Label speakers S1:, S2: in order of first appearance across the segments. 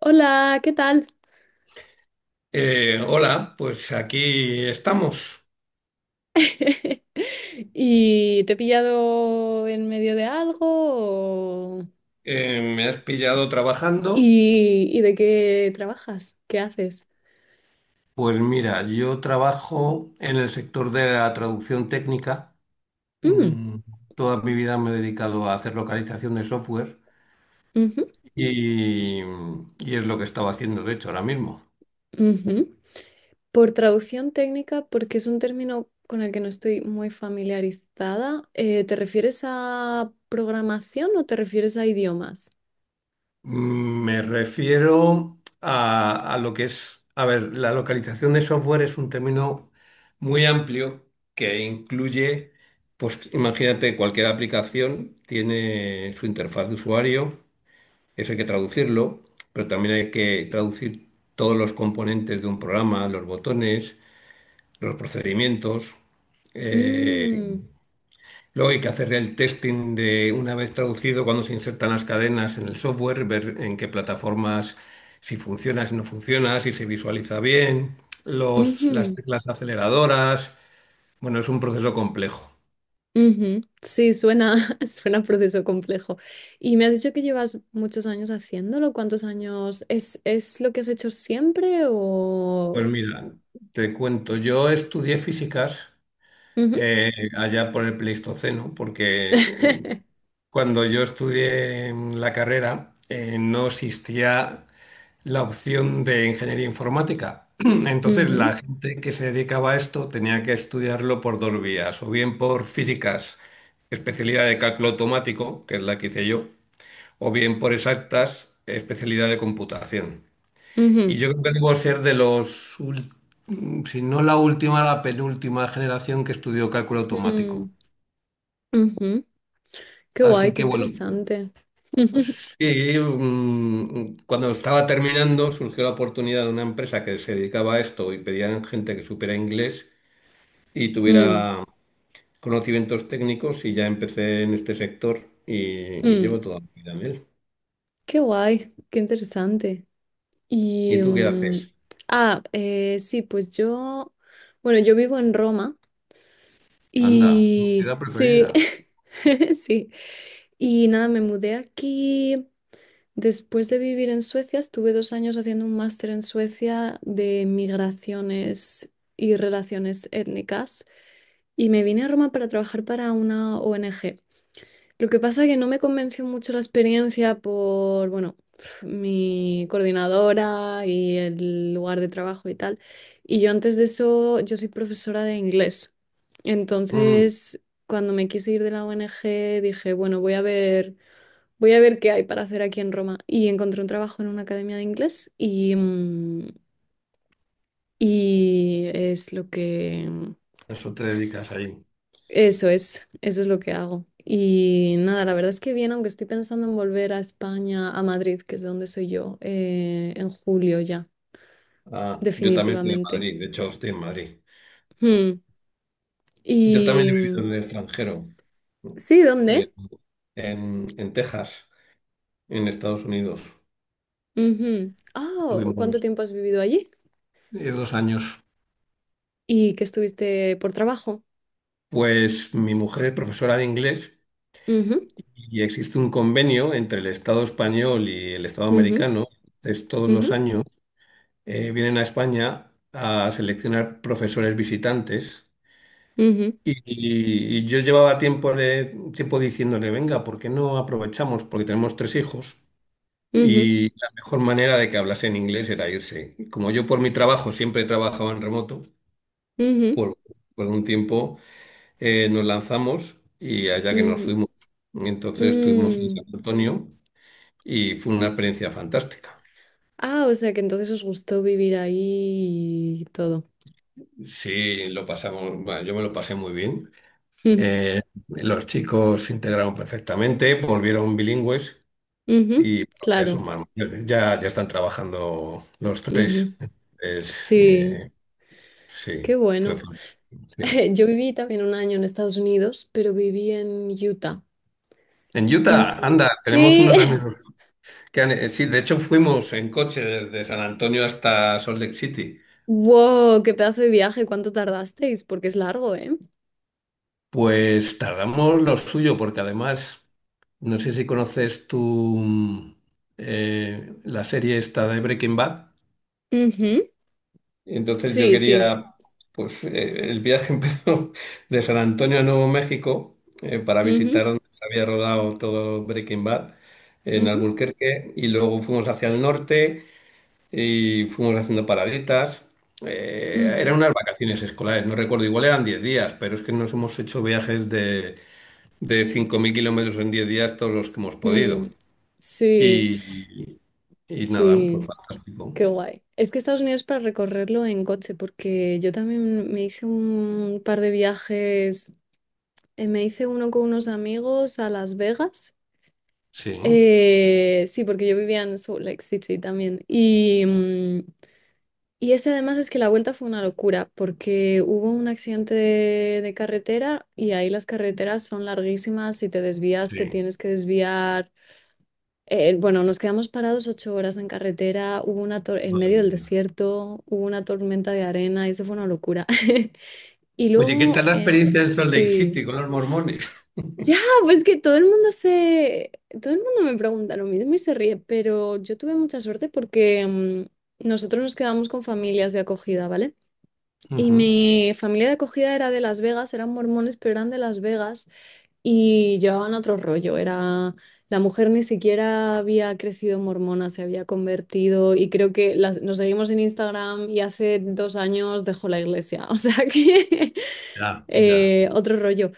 S1: Hola, ¿qué tal?
S2: Hola, pues aquí estamos.
S1: ¿Y te he pillado en medio de algo? o-
S2: Me has pillado trabajando.
S1: ¿Y, de qué trabajas? ¿Qué haces?
S2: Pues mira, yo trabajo en el sector de la traducción técnica.
S1: Mm,
S2: Mm, Toda mi vida me he dedicado a hacer localización de software
S1: ujú,
S2: y, y es lo que estaba haciendo, de hecho, ahora mismo.
S1: ujú. Por traducción técnica, porque es un término con el que no estoy muy familiarizada, ¿te refieres a programación o te refieres a idiomas?
S2: Me refiero a lo que es, a ver, la localización de software es un término muy amplio que incluye, pues imagínate, cualquier aplicación tiene su interfaz de usuario, eso hay que traducirlo, pero también hay que traducir todos los componentes de un programa, los botones, los procedimientos. eh,
S1: Mm,
S2: Luego hay que hacer el testing de una vez traducido, cuando se insertan las cadenas en el software, ver en qué plataformas, si funciona, si no funciona, si se visualiza bien, las
S1: ujú.
S2: teclas aceleradoras. Bueno, es un proceso complejo.
S1: Ujú. Sí, suena, suena proceso complejo. Y me has dicho que llevas muchos años haciéndolo. ¿Cuántos años? Es lo que has hecho siempre
S2: Pues
S1: o...?
S2: mira, te cuento, yo estudié físicas
S1: Ujú.
S2: eh, allá por el Pleistoceno, porque cuando yo estudié la carrera, no existía la opción de ingeniería informática. Entonces, la
S1: Ujú,
S2: gente que se dedicaba a esto tenía que estudiarlo por dos vías, o bien por físicas, especialidad de cálculo automático, que es la que hice yo, o bien por exactas, especialidad de computación. Y
S1: ujú,
S2: yo creo que debo ser de si no la última, la penúltima generación que estudió cálculo automático.
S1: mm, ujú. Qué guay,
S2: Así
S1: qué
S2: que bueno,
S1: interesante.
S2: sí, cuando estaba terminando surgió la oportunidad de una empresa que se dedicaba a esto y pedían gente que supiera inglés y
S1: Mm,
S2: tuviera conocimientos técnicos y ya empecé en este sector y, y
S1: mm.
S2: llevo toda mi vida en él.
S1: Qué guay, qué interesante.
S2: ¿Y
S1: Y...
S2: tú qué
S1: mm,
S2: haces?
S1: sí, pues bueno, yo vivo en Roma
S2: Anda, tu ciudad
S1: Sí,
S2: preferida.
S1: sí. Y nada, me mudé aquí. Después de vivir en Suecia, estuve dos años haciendo un máster en Suecia de migraciones y relaciones étnicas. Y me vine a Roma para trabajar para una ONG. Lo que pasa que no me convenció mucho la experiencia por, bueno, mi coordinadora y el lugar de trabajo y tal. Y yo antes de eso, yo soy profesora de inglés.
S2: Mm,
S1: Entonces, cuando me quise ir de la ONG, dije, bueno, voy a ver. Voy a ver qué hay para hacer aquí en Roma. Y encontré un trabajo en una academia de inglés y es lo
S2: Eso te dedicas ahí.
S1: eso es, eso es lo que hago. Y nada, la verdad es que bien, aunque estoy pensando en volver a España, a Madrid, que es de donde soy yo, en julio ya,
S2: Ah, yo también soy de
S1: definitivamente.
S2: Madrid, de hecho estoy en Madrid.
S1: Hmm.
S2: Yo también
S1: Y
S2: he vivido
S1: mm,
S2: en el extranjero,
S1: sí,
S2: eh,
S1: ¿dónde?
S2: en Texas, en Estados Unidos.
S1: Ujú. Ah, ¿cuánto
S2: Estuvimos
S1: tiempo has vivido allí?
S2: 2 años.
S1: ¿Y que estuviste por trabajo?
S2: Pues mi mujer es profesora de inglés
S1: Ujú,
S2: y existe un convenio entre el Estado español y el Estado
S1: ujú,
S2: americano. Entonces, todos
S1: ujú,
S2: los años vienen a España a seleccionar profesores visitantes.
S1: ujú,
S2: Y yo llevaba tiempo diciéndole, venga, ¿por qué no aprovechamos? Porque tenemos 3 hijos
S1: ujú, ujú,
S2: y la mejor manera de que hablasen inglés era irse. Como yo por mi trabajo siempre he trabajado en remoto,
S1: ujú.
S2: por, por un tiempo. Nos lanzamos y allá que nos
S1: Ujú.
S2: fuimos. Entonces estuvimos en San
S1: Mm.
S2: Antonio y fue una experiencia fantástica.
S1: Ah, o sea que entonces os gustó vivir ahí y todo.
S2: Sí, lo pasamos, bueno, yo me lo pasé muy bien. Eh, los chicos se integraron perfectamente, volvieron bilingües
S1: Ujú,
S2: y bueno, ya
S1: claro.
S2: son más mayores, ya están trabajando los tres.
S1: Ujú.
S2: Entonces,
S1: Sí,
S2: sí,
S1: qué
S2: fue
S1: bueno.
S2: fantástico. Sí.
S1: Yo viví también un año en Estados Unidos, pero viví en Utah.
S2: En
S1: Y
S2: Utah, anda, tenemos
S1: sí,
S2: unos amigos sí, de hecho fuimos en coche desde San Antonio hasta Salt Lake City.
S1: wow, qué pedazo de viaje, ¿cuánto tardasteis? Porque es largo, ¿eh?
S2: Pues tardamos lo suyo, porque además, no sé si conoces tú, mm, la serie esta de Breaking Bad.
S1: Ujú,
S2: Entonces yo
S1: sí, sí.
S2: quería, el viaje empezó de San Antonio a Nuevo México, para visitar
S1: Ujú,
S2: donde se había rodado todo Breaking Bad en
S1: ujú,
S2: Albuquerque y luego fuimos hacia el norte y fuimos haciendo paraditas. Eran
S1: ujú.
S2: unas vacaciones escolares, no recuerdo, igual eran 10 días, pero es que nos hemos hecho viajes de 5000 kilómetros en 10 días, todos los que hemos podido.
S1: Mm, sí,
S2: Y, y nada, pues
S1: sí.
S2: fantástico.
S1: Qué guay. Es que Estados Unidos para recorrerlo en coche, porque yo también me hice un par de viajes, me hice uno con unos amigos a Las Vegas.
S2: Sí,
S1: Sí, porque yo vivía en Salt Lake City también. Y ese además es que la vuelta fue una locura, porque hubo un accidente de carretera y ahí las carreteras son larguísimas, si te desvías te
S2: sí.
S1: tienes que desviar. Bueno, nos quedamos parados ocho horas en carretera, hubo una en
S2: Madre
S1: medio del
S2: mía.
S1: desierto, hubo una tormenta de arena, y eso fue una locura. Y
S2: Oye, ¿qué tal
S1: luego,
S2: la experiencia de Salt Lake
S1: sí,
S2: City con los mormones?
S1: ya, pues que todo el mundo se, todo el mundo me pregunta lo mismo y se ríe, pero yo tuve mucha suerte porque nosotros nos quedamos con familias de acogida, ¿vale? Y
S2: Ujú.
S1: mi familia de acogida era de Las Vegas, eran mormones, pero eran de Las Vegas. Y llevaban otro rollo, era la mujer ni siquiera había crecido mormona, se había convertido y creo que nos seguimos en Instagram y hace dos años dejó la iglesia, o sea que
S2: Ya, ya,
S1: eh, otro rollo.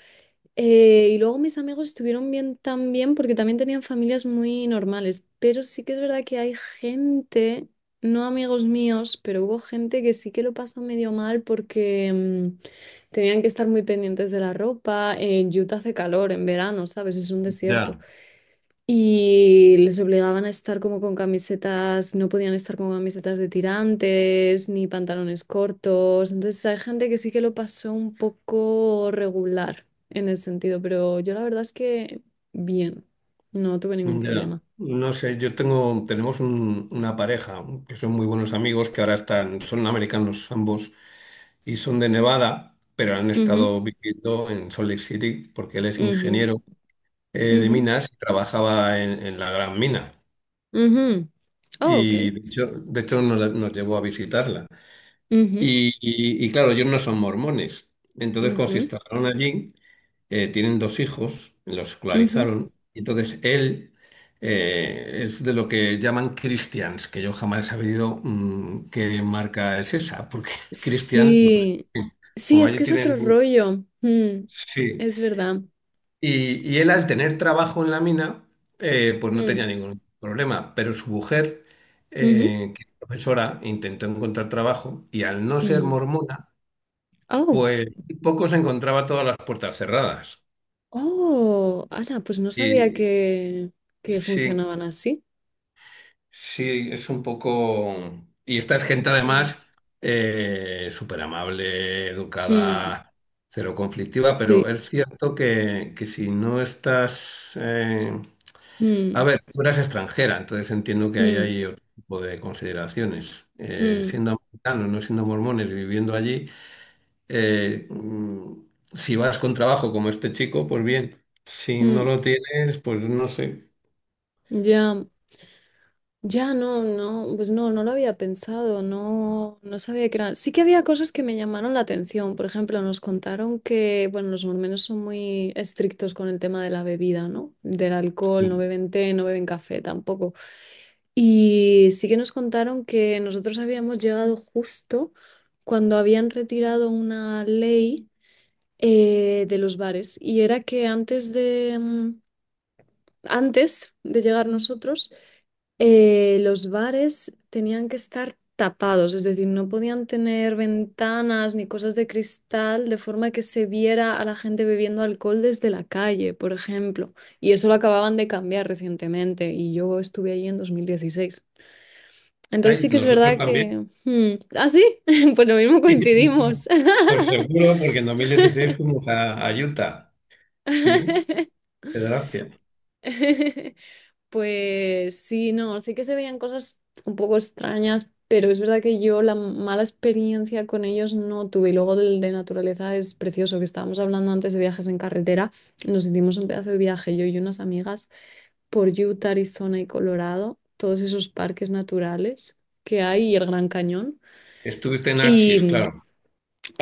S1: Y luego mis amigos estuvieron bien también porque también tenían familias muy normales, pero sí que es verdad que hay gente, no amigos míos, pero hubo gente que sí que lo pasó medio mal porque tenían que estar muy pendientes de la ropa. En Utah hace calor en verano, ¿sabes? Es un desierto.
S2: ya.
S1: Y les obligaban a estar como con camisetas, no podían estar con camisetas de tirantes ni pantalones cortos. Entonces hay gente que sí que lo pasó un poco regular en ese sentido, pero yo la verdad es que bien, no tuve ningún
S2: Ya,
S1: problema.
S2: no sé, tenemos una pareja que son muy buenos amigos, que ahora están, son americanos ambos y son de Nevada, pero han
S1: Ujú,
S2: estado viviendo en Salt Lake City porque él es
S1: ujú,
S2: ingeniero, de
S1: ujú,
S2: minas y trabajaba en la gran mina.
S1: ujú. Oh,
S2: Y
S1: ok.
S2: de hecho, nos llevó a visitarla.
S1: Ujú,
S2: Y claro, ellos no son mormones. Entonces, cuando se
S1: ujú,
S2: instalaron allí, tienen 2 hijos, los
S1: ujú.
S2: escolarizaron. Y entonces él, es de lo que llaman Christians, que yo jamás he sabido qué marca es esa, porque Christians, pues,
S1: Sí, sí,
S2: como
S1: es
S2: allí
S1: que es
S2: tienen,
S1: otro rollo. Mm,
S2: sí,
S1: es verdad.
S2: y él al tener trabajo en la mina, pues no tenía
S1: Mm,
S2: ningún problema, pero su mujer,
S1: ujú,
S2: que es profesora, intentó encontrar trabajo y al no ser
S1: ujú.
S2: mormona,
S1: Oh,
S2: pues poco se encontraba todas las puertas cerradas.
S1: oh, Ana, pues no sabía
S2: Y
S1: que
S2: sí,
S1: funcionaban así.
S2: sí, es un poco... Y esta es gente
S1: Mm,
S2: además, súper amable,
S1: mm,
S2: educada, cero conflictiva, pero
S1: sí.
S2: es cierto que si no estás... A
S1: Mm,
S2: ver, tú eras extranjera, entonces entiendo que ahí
S1: mm,
S2: hay otro tipo de consideraciones.
S1: mm,
S2: Siendo americanos, no siendo mormones, viviendo allí, eh, mm, si vas con trabajo como este chico, pues bien. Si no
S1: mm.
S2: lo tienes, pues no sé.
S1: Ya. Ya no, no, pues no, no lo había pensado, no, no sabía que eran. Sí que había cosas que me llamaron la atención. Por ejemplo, nos contaron que, bueno, los mormones son muy estrictos con el tema de la bebida, ¿no? Del alcohol, no
S2: Sí.
S1: beben té, no beben café tampoco. Y sí que nos contaron que nosotros habíamos llegado justo cuando habían retirado una ley de los bares. Y era que antes de antes de llegar nosotros, los bares tenían que estar tapados, es decir, no podían tener ventanas ni cosas de cristal de forma que se viera a la gente bebiendo alcohol desde la calle, por ejemplo. Y eso lo acababan de cambiar recientemente y yo estuve allí en 2016. Entonces
S2: Ay,
S1: sí que es
S2: nosotros
S1: verdad
S2: también.
S1: que... ¿Ah, sí? Pues lo mismo coincidimos.
S2: Pues seguro, porque en 2016 fuimos a Utah. Sí, qué gracia.
S1: Pues sí, no, sí que se veían cosas un poco extrañas, pero es verdad que yo la mala experiencia con ellos no tuve. Y luego del de naturaleza es precioso, que estábamos hablando antes de viajes en carretera. Nos hicimos un pedazo de viaje, yo y unas amigas, por Utah, Arizona y Colorado, todos esos parques naturales que hay y el Gran Cañón.
S2: Estuviste en
S1: Y
S2: Archie's,
S1: mm,
S2: claro.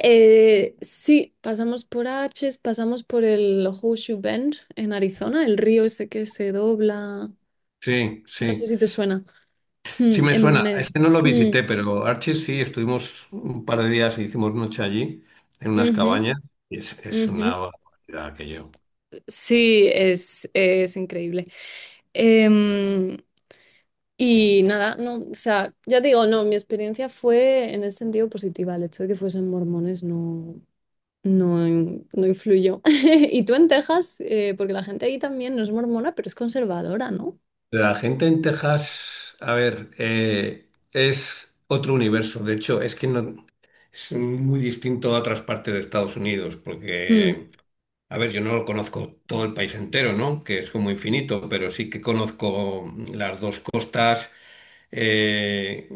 S1: sí, pasamos por Arches, pasamos por el Horseshoe Bend en Arizona, el río ese que se dobla.
S2: Sí,
S1: No sé
S2: sí.
S1: si te suena.
S2: Sí
S1: Mm,
S2: me
S1: en
S2: suena,
S1: me-
S2: este no lo
S1: mm,
S2: visité, pero Archie sí, estuvimos un par de días y hicimos noche allí, en unas
S1: Ujú,
S2: cabañas, es una
S1: ujú.
S2: barbaridad aquello.
S1: Sí, es increíble. Em, y nada, no, o sea, ya te digo, no, mi experiencia fue en ese sentido positiva. El hecho de que fuesen mormones no, no, no influyó. Y tú en Texas, porque la gente ahí también no es mormona, pero es conservadora, ¿no?
S2: La gente en Texas, a ver, es otro universo, de hecho, es que no, es muy distinto a otras partes de Estados Unidos,
S1: Mm,
S2: porque a ver, yo no conozco todo el país entero, ¿no? Que es como infinito, pero sí que conozco las dos costas. eh,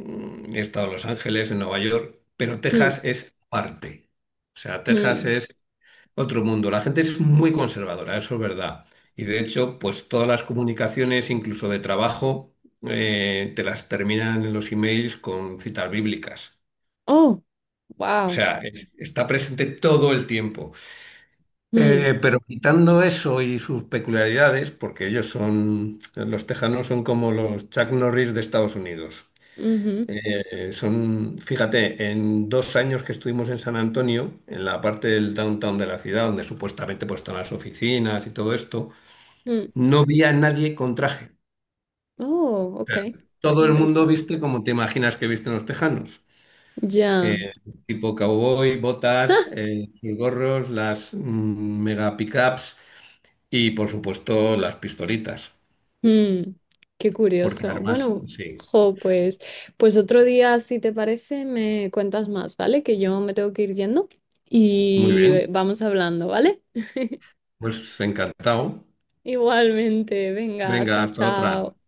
S2: He estado en Los Ángeles, en Nueva York, pero
S1: mm,
S2: Texas es parte. O sea, Texas
S1: mm.
S2: es otro mundo. La gente es muy conservadora, eso es verdad. Y de hecho, pues todas las comunicaciones, incluso de trabajo, te las terminan en los emails con citas bíblicas.
S1: Oh,
S2: O
S1: wow.
S2: sea, está presente todo el tiempo.
S1: Mm,
S2: Pero quitando eso y sus peculiaridades, porque ellos son, los tejanos son como los Chuck Norris de Estados Unidos.
S1: ujú,
S2: Son, fíjate, en 2 años que estuvimos en San Antonio, en la parte del downtown de la ciudad, donde supuestamente pues, están las oficinas y todo esto,
S1: mm.
S2: no vi a nadie con traje.
S1: Oh, ok.
S2: O todo el mundo
S1: Interesante.
S2: viste como te imaginas que visten los tejanos.
S1: Ya.
S2: Eh, Tipo cowboy, botas, gorros, las mega pickups. Y por supuesto las pistolitas,
S1: Mm, qué
S2: porque
S1: curioso.
S2: armas,
S1: Bueno,
S2: sí.
S1: jo, pues otro día, si te parece, me cuentas más, ¿vale? Que yo me tengo que ir yendo
S2: Muy
S1: y
S2: bien,
S1: vamos hablando, ¿vale?
S2: pues encantado.
S1: Igualmente, venga,
S2: Venga,
S1: chao,
S2: hasta otra.
S1: chao.